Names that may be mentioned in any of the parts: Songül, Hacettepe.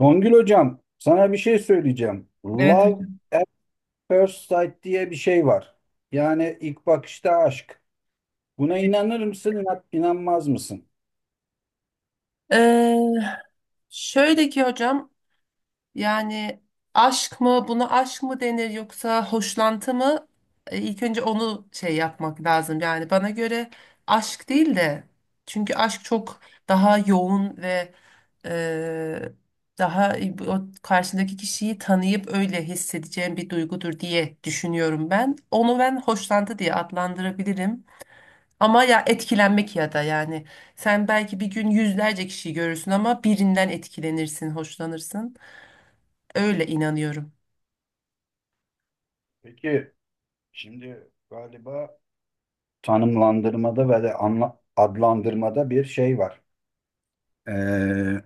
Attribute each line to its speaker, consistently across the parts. Speaker 1: Songül hocam, sana bir şey söyleyeceğim.
Speaker 2: Evet.
Speaker 1: Love
Speaker 2: Hocam.
Speaker 1: at first sight diye bir şey var. Yani ilk bakışta aşk. Buna inanır mısın, inanmaz mısın?
Speaker 2: Ee, Şöyle ki hocam, yani aşk mı, buna aşk mı denir yoksa hoşlantı mı? İlk önce onu şey yapmak lazım. Yani bana göre aşk değil de, çünkü aşk çok daha yoğun ve e, daha o karşındaki kişiyi tanıyıp öyle hissedeceğim bir duygudur diye düşünüyorum ben. Onu ben hoşlantı diye adlandırabilirim. Ama ya etkilenmek ya da yani sen belki bir gün yüzlerce kişiyi görürsün ama birinden etkilenirsin, hoşlanırsın. Öyle inanıyorum.
Speaker 1: Peki, şimdi galiba tanımlandırmada ve de adlandırmada bir şey var. Ee,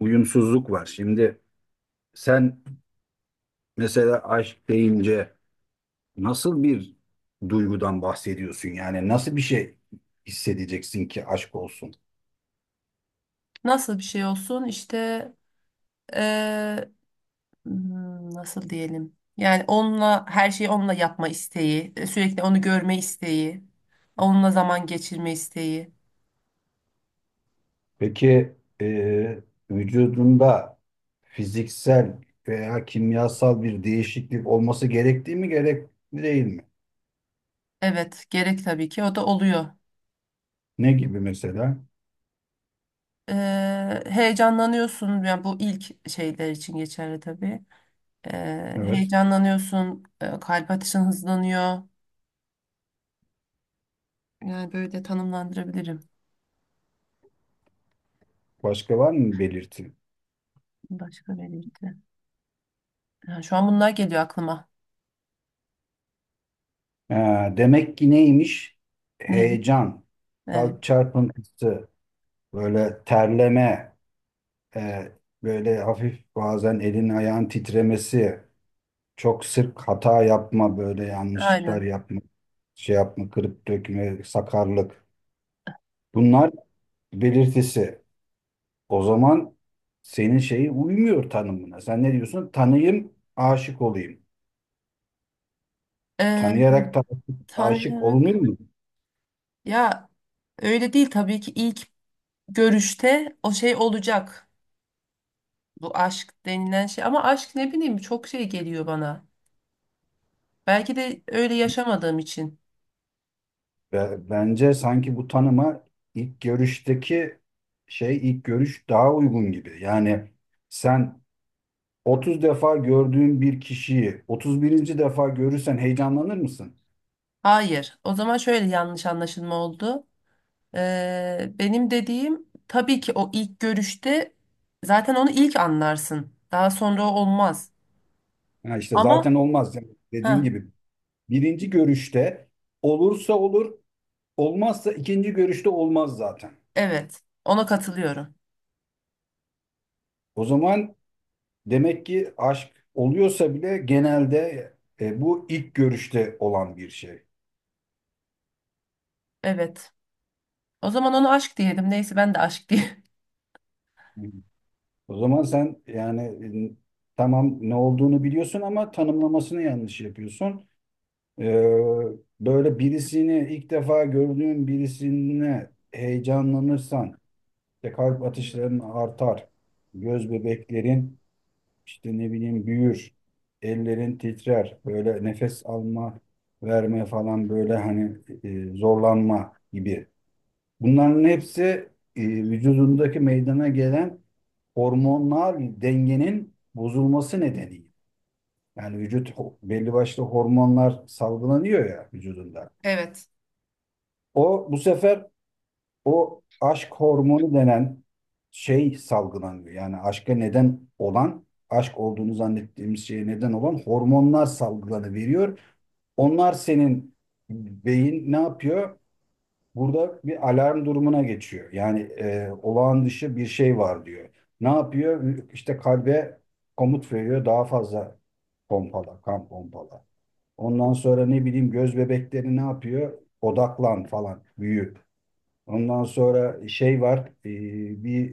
Speaker 1: uyumsuzluk var. Şimdi sen mesela aşk deyince nasıl bir duygudan bahsediyorsun yani? Nasıl bir şey hissedeceksin ki aşk olsun?
Speaker 2: Nasıl bir şey olsun işte eee, hmm, nasıl diyelim? Yani onunla her şeyi, onunla yapma isteği, sürekli onu görme isteği, onunla zaman geçirme isteği.
Speaker 1: Peki, e, vücudunda fiziksel veya kimyasal bir değişiklik olması gerektiği mi gerekli değil mi?
Speaker 2: Evet, gerek tabii ki, o da oluyor.
Speaker 1: Ne gibi mesela?
Speaker 2: Heyecanlanıyorsun, yani bu ilk şeyler için geçerli tabii.
Speaker 1: Evet.
Speaker 2: Heyecanlanıyorsun, kalp atışın hızlanıyor. Yani böyle tanımlandırabilirim.
Speaker 1: Başka var mı belirti?
Speaker 2: Başka belirti. Ha, şu an bunlar geliyor aklıma.
Speaker 1: Ha, demek ki neymiş?
Speaker 2: Neyim?
Speaker 1: Heyecan,
Speaker 2: Evet,
Speaker 1: kalp çarpıntısı, böyle terleme, e, böyle hafif bazen elin ayağın titremesi, çok sık hata yapma, böyle yanlışlıklar
Speaker 2: aynen.
Speaker 1: yapma, şey yapma, kırıp dökme, sakarlık. Bunlar belirtisi. O zaman senin şeyi uymuyor tanımına. Sen ne diyorsun? Tanıyım, aşık olayım.
Speaker 2: Ee,
Speaker 1: Tanıyarak da aşık olunur
Speaker 2: Tanıyarak
Speaker 1: mu?
Speaker 2: ya, öyle değil tabii ki, ilk görüşte o şey olacak. Bu aşk denilen şey, ama aşk ne bileyim, çok şey geliyor bana. Belki de öyle yaşamadığım için.
Speaker 1: Bence sanki bu tanıma ilk görüşteki şey ilk görüş daha uygun gibi. Yani sen 30 defa gördüğün bir kişiyi 31. defa görürsen heyecanlanır mısın?
Speaker 2: Hayır. O zaman şöyle yanlış anlaşılma oldu. Benim dediğim tabii ki o ilk görüşte, zaten onu ilk anlarsın. Daha sonra olmaz.
Speaker 1: Ha işte zaten
Speaker 2: Ama
Speaker 1: olmaz yani dediğin
Speaker 2: ha,
Speaker 1: gibi. Birinci görüşte olursa olur, olmazsa ikinci görüşte olmaz zaten.
Speaker 2: evet, ona katılıyorum.
Speaker 1: O zaman demek ki aşk oluyorsa bile genelde bu ilk görüşte olan bir şey.
Speaker 2: Evet. O zaman onu aşk diyelim. Neyse, ben de aşk diye.
Speaker 1: O zaman sen yani, e, tamam ne olduğunu biliyorsun ama tanımlamasını yanlış yapıyorsun. Ee, Böyle birisini ilk defa gördüğün birisine heyecanlanırsan işte kalp atışların artar, göz bebeklerin işte ne bileyim büyür, ellerin titrer, böyle nefes alma, verme falan böyle hani zorlanma gibi. Bunların hepsi vücudundaki meydana gelen hormonal dengenin bozulması nedeniyle. Yani vücut belli başlı hormonlar salgılanıyor ya vücudunda.
Speaker 2: Evet.
Speaker 1: O bu sefer o aşk hormonu denen şey salgılanıyor. Yani aşka neden olan, aşk olduğunu zannettiğimiz şeye neden olan hormonlar salgılanıveriyor. Onlar senin beyin ne yapıyor? Burada bir alarm durumuna geçiyor. Yani olağan dışı bir şey var diyor. Ne yapıyor? İşte kalbe komut veriyor. Daha fazla pompala, kan pompala. Ondan sonra ne bileyim göz bebekleri ne yapıyor? Odaklan falan, büyü. Ondan sonra şey var, e, bir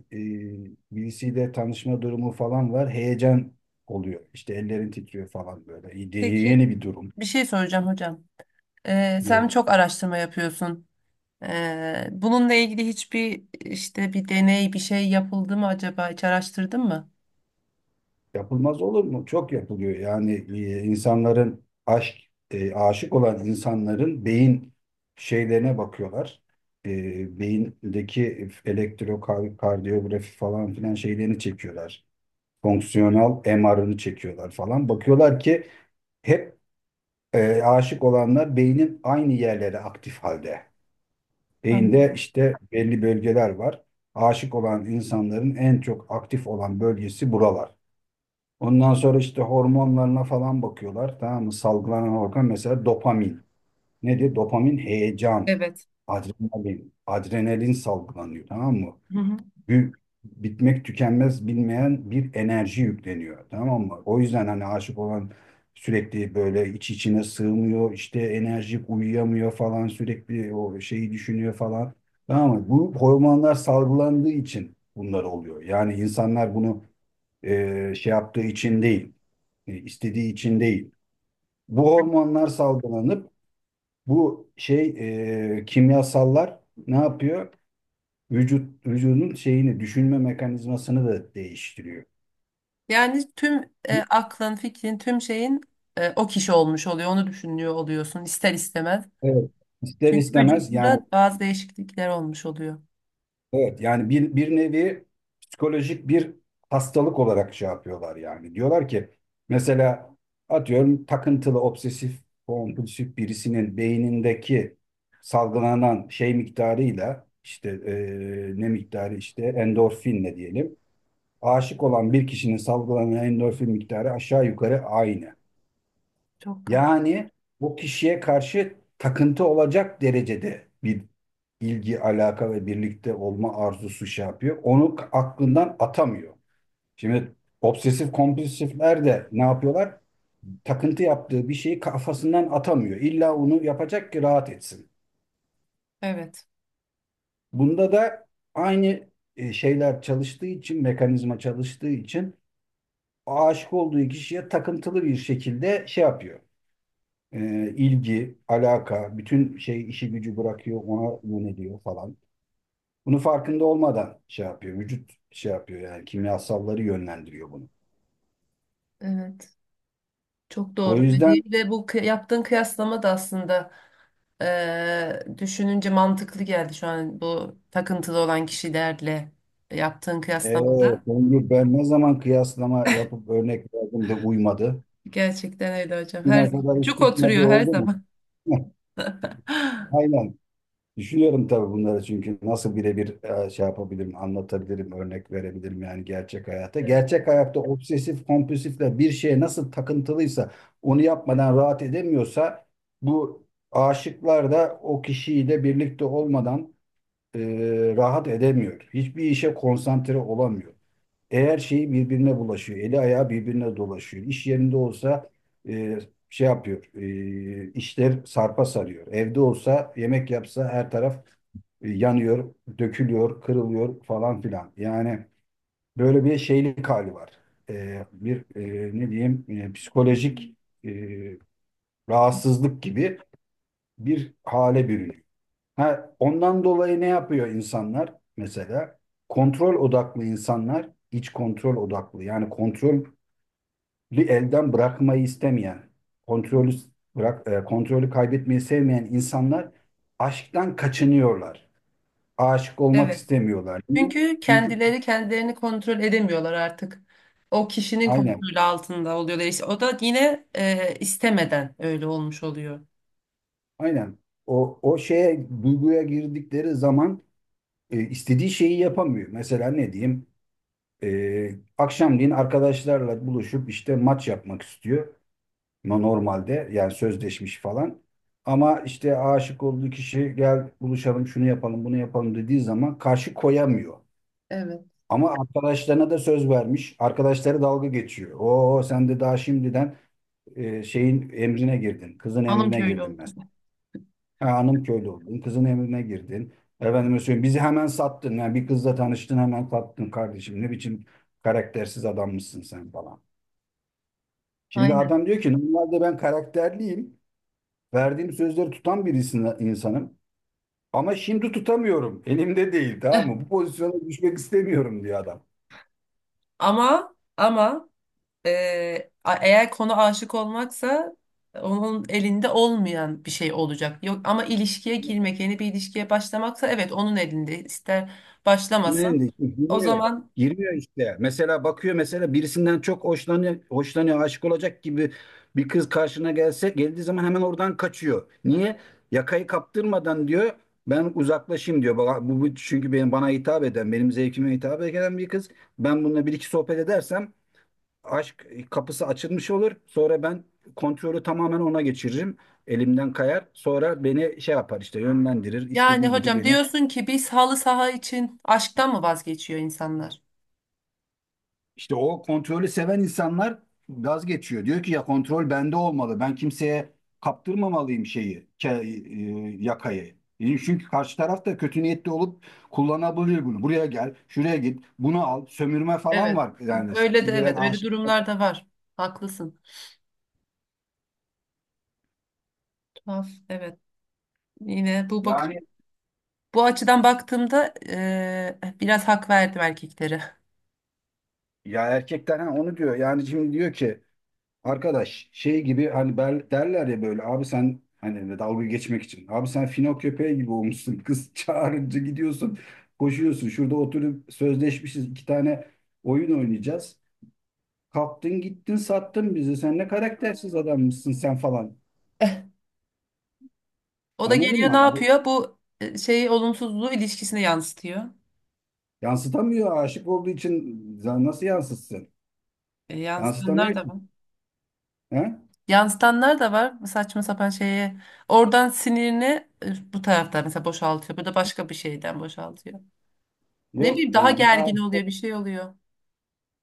Speaker 1: birisiyle tanışma durumu falan var. Heyecan oluyor. İşte ellerin titriyor falan böyle.
Speaker 2: Peki,
Speaker 1: Yeni bir durum.
Speaker 2: bir şey soracağım hocam. Sen
Speaker 1: Evet.
Speaker 2: çok araştırma yapıyorsun. Bununla ilgili hiçbir, işte bir deney bir şey yapıldı mı acaba? Hiç araştırdın mı?
Speaker 1: Yapılmaz olur mu? Çok yapılıyor. Yani insanların aşk, aşık olan insanların beyin şeylerine bakıyorlar. E, beyindeki elektrokardiyografi falan filan şeylerini çekiyorlar. Fonksiyonel MR'ını çekiyorlar falan. Bakıyorlar ki hep aşık olanlar beynin aynı yerlere aktif halde. Beyinde
Speaker 2: Anladım.
Speaker 1: işte belli bölgeler var. Aşık olan insanların en çok aktif olan bölgesi buralar. Ondan sonra işte hormonlarına falan bakıyorlar. Tamam mı? Salgılanan hormon mesela dopamin. Nedir? Dopamin heyecan,
Speaker 2: Evet.
Speaker 1: adrenalin, adrenalin salgılanıyor. Tamam mı?
Speaker 2: Hı hı.
Speaker 1: Bir, bitmek tükenmez bilmeyen bir enerji yükleniyor. Tamam mı? O yüzden hani aşık olan sürekli böyle iç içine sığmıyor. İşte enerjik uyuyamıyor falan sürekli o şeyi düşünüyor falan. Tamam mı? Bu hormonlar salgılandığı için bunlar oluyor. Yani insanlar bunu şey yaptığı için değil. İstediği için değil. Bu hormonlar salgılanıp bu şey, kimyasallar ne yapıyor? Vücut vücudun şeyini düşünme mekanizmasını da değiştiriyor.
Speaker 2: Yani tüm aklın, fikrin, tüm şeyin o kişi olmuş oluyor. Onu düşünüyor oluyorsun ister istemez.
Speaker 1: Evet. İster
Speaker 2: Çünkü
Speaker 1: istemez yani
Speaker 2: vücudunda bazı değişiklikler olmuş oluyor.
Speaker 1: evet yani bir, bir nevi psikolojik bir hastalık olarak şey yapıyorlar yani. Diyorlar ki mesela atıyorum takıntılı obsesif kompulsif birisinin beynindeki salgılanan şey miktarıyla işte ne miktarı işte endorfinle diyelim. Aşık olan bir kişinin salgılanan endorfin miktarı aşağı yukarı aynı.
Speaker 2: Çok garip.
Speaker 1: Yani bu kişiye karşı takıntı olacak derecede bir ilgi, alaka ve birlikte olma arzusu şey yapıyor. Onu aklından atamıyor. Şimdi obsesif kompulsifler de ne yapıyorlar? Takıntı yaptığı bir şeyi kafasından atamıyor. İlla onu yapacak ki rahat etsin.
Speaker 2: Evet.
Speaker 1: Bunda da aynı şeyler çalıştığı için, mekanizma çalıştığı için aşık olduğu kişiye takıntılı bir şekilde şey yapıyor. İlgi, alaka, bütün şey işi gücü bırakıyor, ona yöneliyor falan. Bunu farkında olmadan şey yapıyor, vücut şey yapıyor yani kimyasalları yönlendiriyor bunu.
Speaker 2: Evet. Çok
Speaker 1: O
Speaker 2: doğru
Speaker 1: yüzden,
Speaker 2: dediğim, ve bu yaptığın kıyaslama da aslında düşününce mantıklı geldi şu an, bu takıntılı olan kişilerle yaptığın
Speaker 1: e,
Speaker 2: kıyaslamada.
Speaker 1: Songül, ben ne zaman kıyaslama yapıp örnek verdim de uymadı.
Speaker 2: Gerçekten öyle hocam. Her
Speaker 1: Güne
Speaker 2: zaman
Speaker 1: kadar hiç
Speaker 2: cuk
Speaker 1: tutmadı
Speaker 2: oturuyor, her
Speaker 1: oldu mu?
Speaker 2: zaman.
Speaker 1: Aynen. Düşünüyorum tabii bunları çünkü nasıl birebir şey yapabilirim, anlatabilirim, örnek verebilirim yani gerçek hayata.
Speaker 2: Evet.
Speaker 1: Gerçek hayatta obsesif kompulsifle bir şeye nasıl takıntılıysa onu yapmadan rahat edemiyorsa bu aşıklar da o kişiyle birlikte olmadan e, rahat edemiyor. Hiçbir işe konsantre olamıyor. Eğer şeyi birbirine bulaşıyor, eli ayağı birbirine dolaşıyor. İş yerinde olsa e, şey yapıyor, işler sarpa sarıyor. Evde olsa yemek yapsa her taraf yanıyor, dökülüyor, kırılıyor falan filan. Yani böyle bir şeylik hali var. Ne diyeyim, psikolojik e, rahatsızlık gibi bir hale bürünüyor. Ha, ondan dolayı ne yapıyor insanlar mesela? Kontrol odaklı insanlar iç kontrol odaklı. Yani kontrolü elden bırakmayı istemeyen, kontrolü bırak kontrolü kaybetmeyi sevmeyen insanlar aşktan kaçınıyorlar. Aşık olmak
Speaker 2: Evet.
Speaker 1: istemiyorlar. Niye?
Speaker 2: Çünkü
Speaker 1: Çünkü
Speaker 2: kendileri kendilerini kontrol edemiyorlar artık. O kişinin
Speaker 1: aynen
Speaker 2: kontrolü altında oluyorlar. İşte o da yine istemeden öyle olmuş oluyor.
Speaker 1: aynen o şeye duyguya girdikleri zaman istediği şeyi yapamıyor. Mesela ne diyeyim? E, Akşamleyin arkadaşlarla buluşup işte maç yapmak istiyor. Normalde yani sözleşmiş falan. Ama işte aşık olduğu kişi gel buluşalım şunu yapalım bunu yapalım dediği zaman karşı koyamıyor.
Speaker 2: Evet.
Speaker 1: Ama arkadaşlarına da söz vermiş. Arkadaşları dalga geçiyor. Oo sen de daha şimdiden şeyin emrine girdin. Kızın
Speaker 2: Hanım
Speaker 1: emrine
Speaker 2: köylü
Speaker 1: girdin
Speaker 2: oldu.
Speaker 1: mesela. Ha, hanım köylü oldun. Kızın emrine girdin. Efendime söyleyeyim bizi hemen sattın. Yani bir kızla tanıştın hemen sattın kardeşim. Ne biçim karaktersiz adammışsın sen falan. Şimdi
Speaker 2: Aynen.
Speaker 1: adam diyor ki normalde ben karakterliyim. Verdiğim sözleri tutan bir insanım. Ama şimdi tutamıyorum. Elimde değil tamam mı? Bu pozisyona düşmek istemiyorum diyor adam.
Speaker 2: Ama eğer konu aşık olmaksa, onun elinde olmayan bir şey olacak. Yok, ama ilişkiye girmek, yeni bir ilişkiye başlamaksa, evet, onun elinde. İster
Speaker 1: Ne
Speaker 2: başlamasın.
Speaker 1: dedi?
Speaker 2: O
Speaker 1: Girmiyor.
Speaker 2: zaman
Speaker 1: Girmiyor işte. Mesela bakıyor mesela birisinden çok hoşlanıyor, hoşlanıyor, aşık olacak gibi bir kız karşına gelse geldiği zaman hemen oradan kaçıyor. Niye? Yakayı kaptırmadan diyor ben uzaklaşayım diyor. Bu, bu çünkü benim bana hitap eden, benim zevkime hitap eden bir kız. Ben bununla bir iki sohbet edersem aşk kapısı açılmış olur. Sonra ben kontrolü tamamen ona geçiririm. Elimden kayar. Sonra beni şey yapar işte yönlendirir,
Speaker 2: yani
Speaker 1: istediği gibi
Speaker 2: hocam,
Speaker 1: beni.
Speaker 2: diyorsun ki biz halı saha için aşktan mı vazgeçiyor insanlar?
Speaker 1: İşte o kontrolü seven insanlar gaz geçiyor. Diyor ki ya kontrol bende olmalı. Ben kimseye kaptırmamalıyım şeyi, yakayı. E, çünkü karşı taraf da kötü niyetli olup kullanabilir bunu. Buraya gel, şuraya git, bunu al, sömürme falan
Speaker 2: Evet.
Speaker 1: var. Yani
Speaker 2: Öyle de
Speaker 1: sevgilen
Speaker 2: evet. Öyle
Speaker 1: aşık.
Speaker 2: durumlar da var. Haklısın. Tuhaf. Evet. Yine bu bakış,
Speaker 1: Yani
Speaker 2: bu açıdan baktığımda biraz hak verdim erkeklere.
Speaker 1: ya erkekler ha, onu diyor. Yani şimdi diyor ki arkadaş şey gibi hani ben, derler ya böyle abi sen hani dalga geçmek için. Abi sen fino köpeği gibi olmuşsun. Kız çağırınca gidiyorsun koşuyorsun. Şurada oturup sözleşmişiz iki tane oyun oynayacağız. Kalktın gittin sattın bizi. Sen ne karaktersiz adammışsın sen falan.
Speaker 2: O da
Speaker 1: Anladın
Speaker 2: geliyor, ne
Speaker 1: mı? Bu
Speaker 2: yapıyor? Bu şeyi, olumsuzluğu ilişkisine yansıtıyor.
Speaker 1: yansıtamıyor aşık olduğu için nasıl yansıtsın?
Speaker 2: Yansıtanlar
Speaker 1: Yansıtamıyor
Speaker 2: da
Speaker 1: ki.
Speaker 2: var.
Speaker 1: He?
Speaker 2: Yansıtanlar da var bu saçma sapan şeye. Oradan sinirini bu tarafta mesela boşaltıyor. Bu da başka bir şeyden boşaltıyor. Ne
Speaker 1: Yok
Speaker 2: bileyim, daha
Speaker 1: yani. Ha,
Speaker 2: gergin oluyor, bir şey oluyor.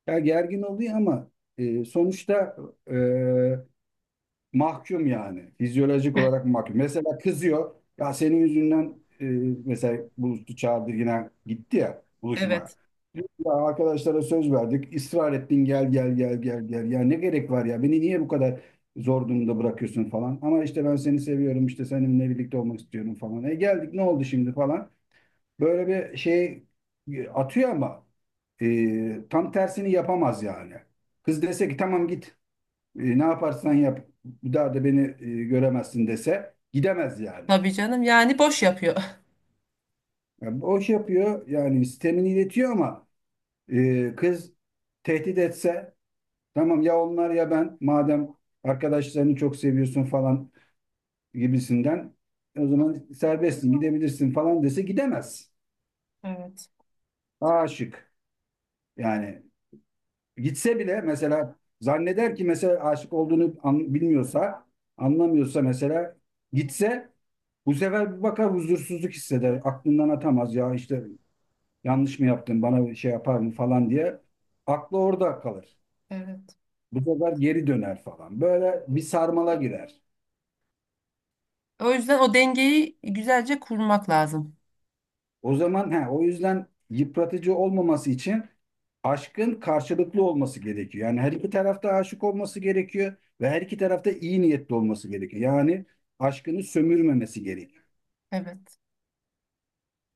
Speaker 1: ya gergin oluyor ama sonuçta e, mahkum yani. Fizyolojik olarak mahkum. Mesela kızıyor. Ya senin yüzünden, e, mesela Bulut'u çağırdı yine gitti ya buluşmaya.
Speaker 2: Evet.
Speaker 1: Diyor ki, ya arkadaşlara söz verdik. Israr ettin gel gel gel gel gel. Ya ne gerek var ya? Beni niye bu kadar zor durumda bırakıyorsun falan. Ama işte ben seni seviyorum işte seninle birlikte olmak istiyorum falan. E geldik ne oldu şimdi falan. Böyle bir şey atıyor ama tam tersini yapamaz yani. Kız dese ki tamam git, ne yaparsan yap bir daha da beni göremezsin dese gidemez yani.
Speaker 2: Tabii canım, yani boş yapıyor.
Speaker 1: Yani boş yapıyor yani sistemini iletiyor ama kız tehdit etse tamam ya onlar ya ben madem arkadaşlarını çok seviyorsun falan gibisinden o zaman serbestsin gidebilirsin falan dese gidemez.
Speaker 2: Evet,
Speaker 1: Aşık yani gitse bile mesela zanneder ki mesela aşık olduğunu bilmiyorsa anlamıyorsa mesela gitse bu sefer bir bakar huzursuzluk hisseder. Aklından atamaz ya işte yanlış mı yaptım bana bir şey yapar mı falan diye. Aklı orada kalır.
Speaker 2: evet,
Speaker 1: Bu sefer geri döner falan. Böyle bir sarmala girer.
Speaker 2: O yüzden o dengeyi güzelce kurmak lazım.
Speaker 1: O zaman he, o yüzden yıpratıcı olmaması için aşkın karşılıklı olması gerekiyor. Yani her iki tarafta aşık olması gerekiyor ve her iki tarafta iyi niyetli olması gerekiyor. Yani aşkını sömürmemesi gerekiyor.
Speaker 2: Evet.